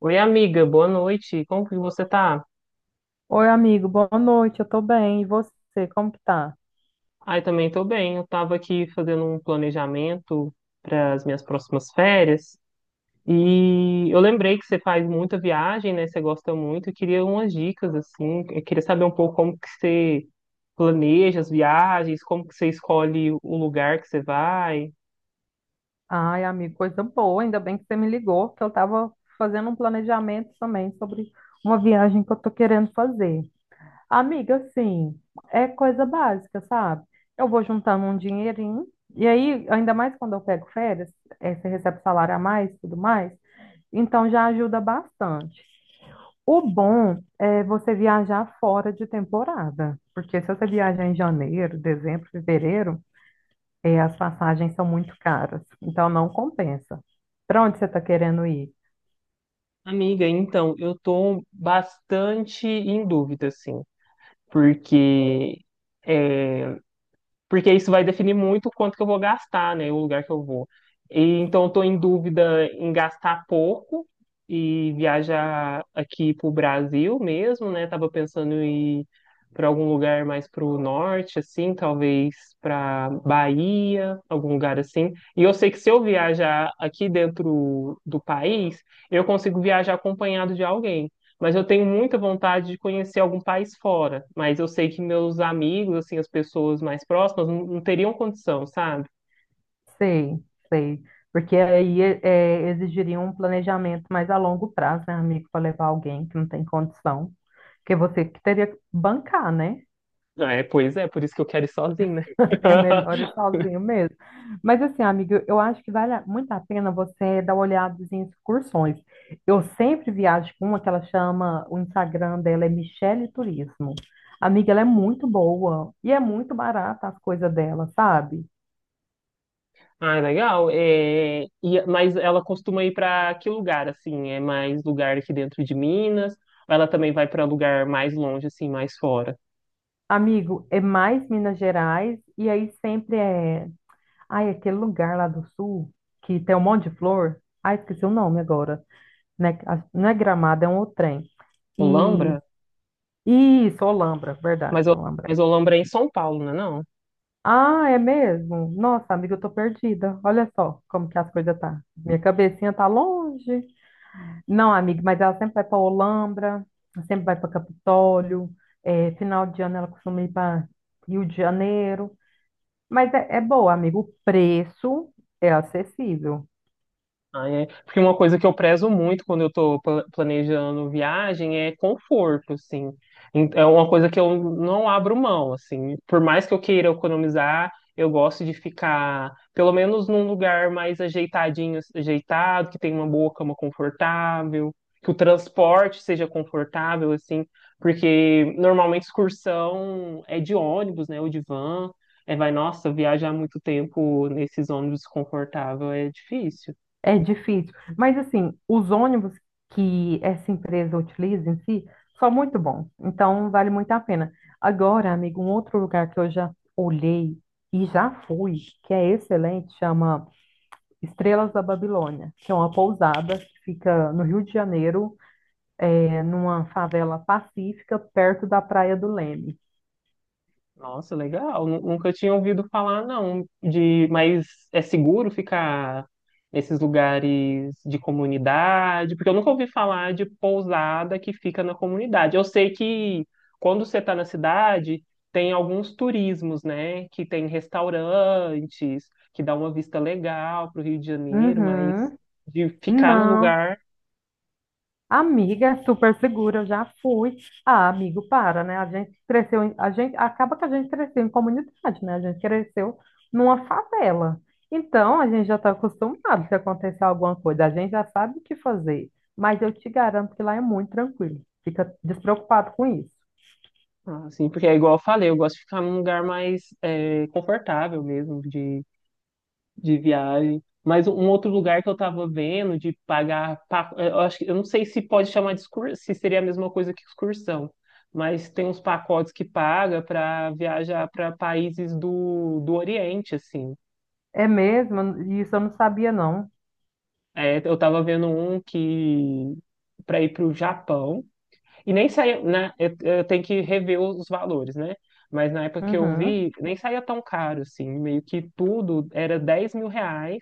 Oi, amiga, boa noite. Como que você tá? Oi, amigo, boa noite, eu tô bem. E você, como que tá? Ai, também tô bem. Eu tava aqui fazendo um planejamento para as minhas próximas férias e eu lembrei que você faz muita viagem, né? Você gosta muito. Eu queria umas dicas assim. Eu queria saber um pouco como que você planeja as viagens, como que você escolhe o lugar que você vai. Ai, amigo, coisa boa, ainda bem que você me ligou, que eu tava fazendo um planejamento também sobre uma viagem que eu tô querendo fazer. Amiga, assim, é coisa básica, sabe? Eu vou juntando um dinheirinho, e aí, ainda mais quando eu pego férias, você recebe salário a mais, tudo mais, então já ajuda bastante. O bom é você viajar fora de temporada, porque se você viajar em janeiro, dezembro, fevereiro, e as passagens são muito caras, então não compensa. Para onde você está querendo ir? Amiga, então, eu tô bastante em dúvida assim, porque eh, porque isso vai definir muito o quanto que eu vou gastar, né, o lugar que eu vou. E, então, eu estou em dúvida em gastar pouco e viajar aqui pro Brasil mesmo, né? Tava pensando em ir para algum lugar mais pro norte, assim, talvez para Bahia, algum lugar assim. E eu sei que se eu viajar aqui dentro do país, eu consigo viajar acompanhado de alguém. Mas eu tenho muita vontade de conhecer algum país fora. Mas eu sei que meus amigos, assim, as pessoas mais próximas, não teriam condição, sabe? Sei, sei. Porque aí é, exigiria um planejamento mais a longo prazo, né, amigo, para levar alguém que não tem condição, porque você que teria que bancar, né? Ah, é, pois é, por isso que eu quero ir sozinho, né? É melhor ir sozinho mesmo. Mas assim, amiga, eu acho que vale muito a pena você dar uma olhada em excursões. Eu sempre viajo com uma que ela chama, o Instagram dela é Michele Turismo. Amiga, ela é muito boa e é muito barata as coisas dela, sabe? Ah, legal. É, mas ela costuma ir para que lugar, assim? É mais lugar aqui dentro de Minas? Ou ela também vai para lugar mais longe, assim, mais fora? Amigo, é mais Minas Gerais e aí sempre é... Ai, aquele lugar lá do sul que tem um monte de flor. Ai, esqueci o nome agora. Né? Não é Gramado, é um outro trem. E Olambra? isso, Olambra, Mas, verdade, Ol- Olambra. mas Olambra é em São Paulo, não é não? Ah, é mesmo? Nossa, amiga, eu tô perdida. Olha só como que as coisas tá. Minha cabecinha tá longe. Não, amiga, mas ela sempre vai para Olambra, sempre vai para Capitólio. É, final de ano ela costuma ir para Rio de Janeiro. Mas é boa, amigo. O preço é acessível. Ai, é. Porque uma coisa que eu prezo muito quando eu tô planejando viagem é conforto, assim. É uma coisa que eu não abro mão, assim. Por mais que eu queira economizar, eu gosto de ficar, pelo menos num lugar mais ajeitadinho, ajeitado, que tem uma boa cama confortável, que o transporte seja confortável, assim. Porque normalmente excursão é de ônibus, né, ou de van. É, vai, nossa, viajar muito tempo nesses ônibus confortável é difícil. É difícil. Mas, assim, os ônibus que essa empresa utiliza em si são muito bons. Então, vale muito a pena. Agora, amigo, um outro lugar que eu já olhei e já fui, que é excelente, chama Estrelas da Babilônia, que é uma pousada que fica no Rio de Janeiro, é, numa favela pacífica, perto da Praia do Leme. Nossa, legal. Nunca tinha ouvido falar, não. De, mas é seguro ficar nesses lugares de comunidade? Porque eu nunca ouvi falar de pousada que fica na comunidade. Eu sei que quando você está na cidade, tem alguns turismos, né? Que tem restaurantes, que dá uma vista legal para o Rio de Janeiro, mas Uhum. de ficar no Não. lugar, Amiga, é super segura, eu já fui. Ah, amigo, para, né? A gente cresceu, a gente acaba que a gente cresceu em comunidade, né? A gente cresceu numa favela. Então, a gente já está acostumado se acontecer alguma coisa, a gente já sabe o que fazer. Mas eu te garanto que lá é muito tranquilo. Fica despreocupado com isso. assim, porque é igual eu falei, eu gosto de ficar num lugar mais confortável mesmo, de viagem. Mas um outro lugar que eu tava vendo de pagar, eu acho que eu não sei se pode chamar de excursão, se seria a mesma coisa que excursão, mas tem uns pacotes que paga para viajar para países do Oriente, assim. É mesmo? Isso eu não sabia, não. É, eu tava vendo um que para ir para o Japão e nem saía, né? Eu tenho que rever os valores, né? Mas na época que eu Uhum. vi, nem saía tão caro, assim. Meio que tudo era R$ 10.000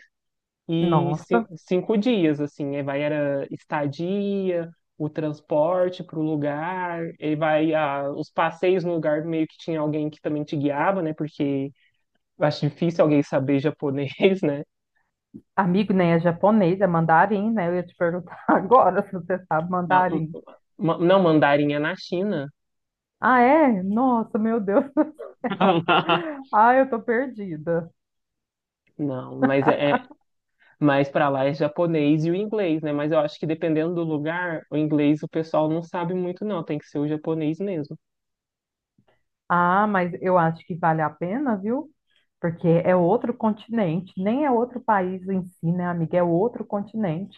e Nossa. cinco dias, assim, aí vai era estadia, o transporte para o lugar, e vai ah, os passeios no lugar meio que tinha alguém que também te guiava, né? Porque eu acho difícil alguém saber japonês, né? Amigo, nem é japonês, é mandarim, né? Eu ia te perguntar agora se você sabe Não, mandarim. Não, mandarim é na China. Ah, é? Nossa, meu Deus do céu. Ah, eu tô perdida. Não, mas é mais para lá é japonês e o inglês, né? Mas eu acho que dependendo do lugar, o inglês o pessoal não sabe muito, não. Tem que ser o japonês mesmo. Ah, mas eu acho que vale a pena, viu? Porque é outro continente, nem é outro país em si, né, amiga? É outro continente.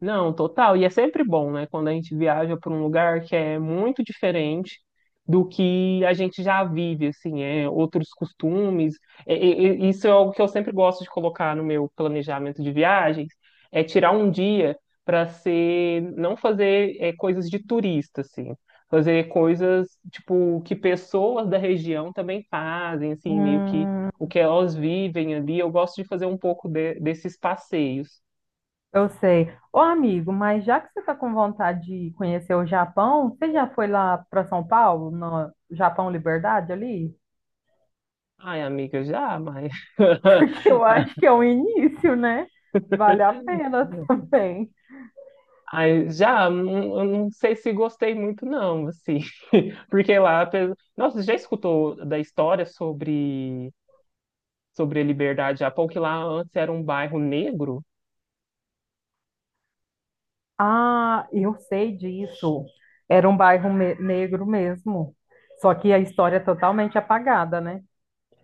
Não, total. E é sempre bom, né? Quando a gente viaja para um lugar que é muito diferente do que a gente já vive, assim, é outros costumes. Isso é algo que eu sempre gosto de colocar no meu planejamento de viagens, é tirar um dia para ser, não fazer coisas de turista, assim, fazer coisas tipo que pessoas da região também fazem, assim, meio que Hum, o que elas vivem ali. Eu gosto de fazer um pouco desses passeios. eu sei. Ô, amigo, mas já que você tá com vontade de conhecer o Japão, você já foi lá para São Paulo, no Japão Liberdade ali? Ai, amiga, já, mas. Porque eu acho que é o início, né? Vale a pena também. Ai, já, eu não sei se gostei muito, não, assim. Porque lá. Nossa, você já escutou da história sobre a Liberdade Japão, que lá antes era um bairro negro? Ah, eu sei disso. Era um bairro negro mesmo. Só que a história é totalmente apagada, né?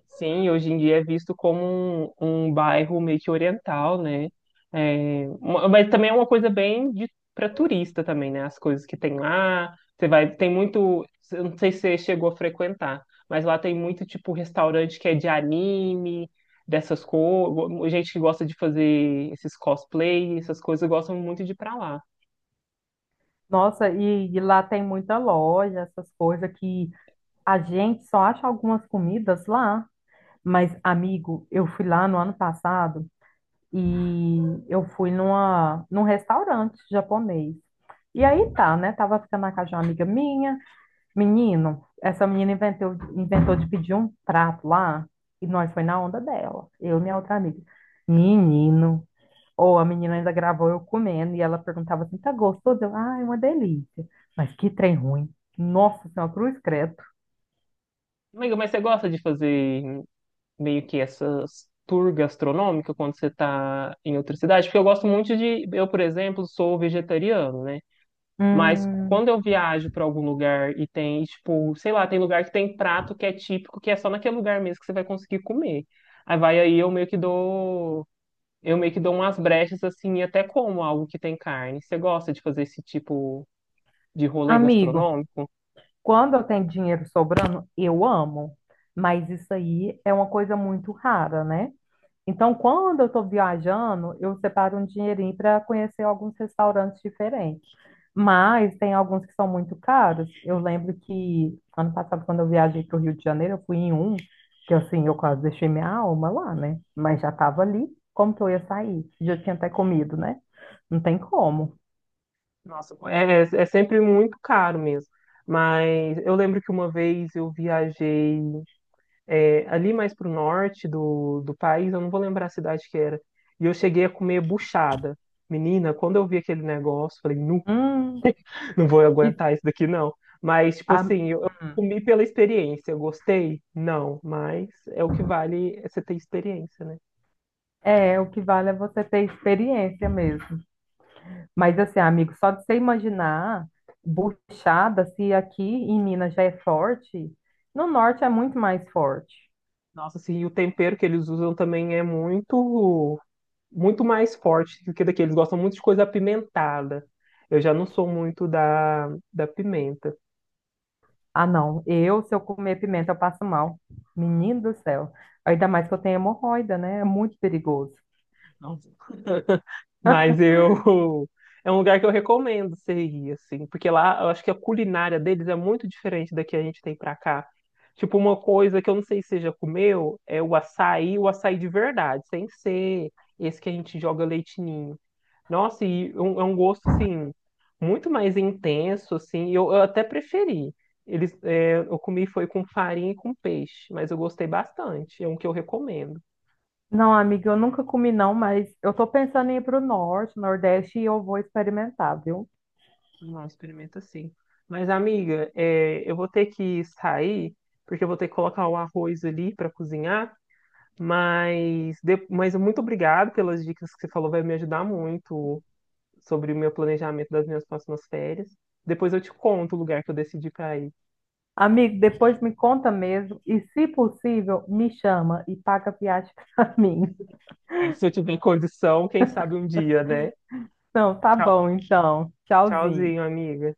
Sim, hoje em dia é visto como um bairro meio que oriental, né? É, mas também é uma coisa bem para turista também, né? As coisas que tem lá, você vai, tem muito, eu não sei se você chegou a frequentar, mas lá tem muito tipo restaurante que é de anime, dessas coisas, gente que gosta de fazer esses cosplay, essas coisas gostam muito de ir pra lá. Nossa, e lá tem muita loja, essas coisas que a gente só acha algumas comidas lá. Mas, amigo, eu fui lá no ano passado e eu fui num restaurante japonês. E aí tá, né? Tava ficando na casa de uma amiga minha. Menino, essa menina inventou de pedir um prato lá e nós foi na onda dela, eu e minha outra amiga. Menino, ou a menina ainda gravou eu comendo e ela perguntava assim: tá gostoso? Eu, ah, é uma delícia. Mas que trem ruim. Nossa Senhora, cruz credo. Amiga, mas você gosta de fazer meio que essas tour gastronômica quando você está em outra cidade, porque eu gosto muito de, eu, por exemplo, sou vegetariano, né? Mas Hum, quando eu viajo para algum lugar e tem, tipo, sei lá, tem lugar que tem prato que é típico, que é só naquele lugar mesmo que você vai conseguir comer. Aí eu meio que dou, eu meio que dou umas brechas assim e até como algo que tem carne. Você gosta de fazer esse tipo de rolê amigo, gastronômico? quando eu tenho dinheiro sobrando, eu amo, mas isso aí é uma coisa muito rara, né? Então, quando eu estou viajando, eu separo um dinheirinho para conhecer alguns restaurantes diferentes. Mas tem alguns que são muito caros. Eu lembro que ano passado, quando eu viajei para o Rio de Janeiro, eu fui em um, que assim, eu quase deixei minha alma lá, né? Mas já estava ali. Como que eu ia sair? Já tinha até comido, né? Não tem como. Nossa, é sempre muito caro mesmo. Mas eu lembro que uma vez eu viajei ali mais pro norte do país, eu não vou lembrar a cidade que era. E eu cheguei a comer buchada. Menina, quando eu vi aquele negócio, falei, não, Hum, não vou e aguentar isso daqui, não. Mas, tipo a- assim, eu hum. comi pela experiência. Eu gostei? Não, mas é o que vale é você ter experiência, né? É, o que vale é você ter experiência mesmo. Mas assim, amigo, só de você imaginar buchada, se aqui em Minas já é forte, no norte é muito mais forte. Nossa, assim, e o tempero que eles usam também é muito, muito mais forte do que daqui. Eles gostam muito de coisa apimentada. Eu já não sou muito da pimenta. Ah, não. Eu, se eu comer pimenta, eu passo mal. Menino do céu. Ainda mais que eu tenho hemorroida, né? É muito perigoso. Não. Mas eu. É um lugar que eu recomendo você ir, assim, porque lá eu acho que a culinária deles é muito diferente da que a gente tem pra cá. Tipo, uma coisa que eu não sei se você já comeu é o açaí de verdade, sem ser esse que a gente joga leite ninho. Nossa, e é um gosto, assim, muito mais intenso, assim, eu até preferi. Eles, é, eu comi foi com farinha e com peixe, mas eu gostei bastante, é um que eu recomendo. Não, amiga, eu nunca comi não, mas eu tô pensando em ir pro norte, nordeste e eu vou experimentar, viu? Não, experimenta sim. Mas, amiga, é, eu vou ter que sair, porque eu vou ter que colocar o arroz ali para cozinhar. Mas, mas muito obrigado pelas dicas que você falou, vai me ajudar muito sobre o meu planejamento das minhas próximas férias. Depois eu te conto o lugar que eu decidi para ir. Amigo, depois me conta mesmo e, se possível, me chama e paga a viagem pra mim. É, se eu tiver condição, quem sabe um dia, né? Não, tá Tchau, bom, então. Tchauzinho. tchauzinho, amiga.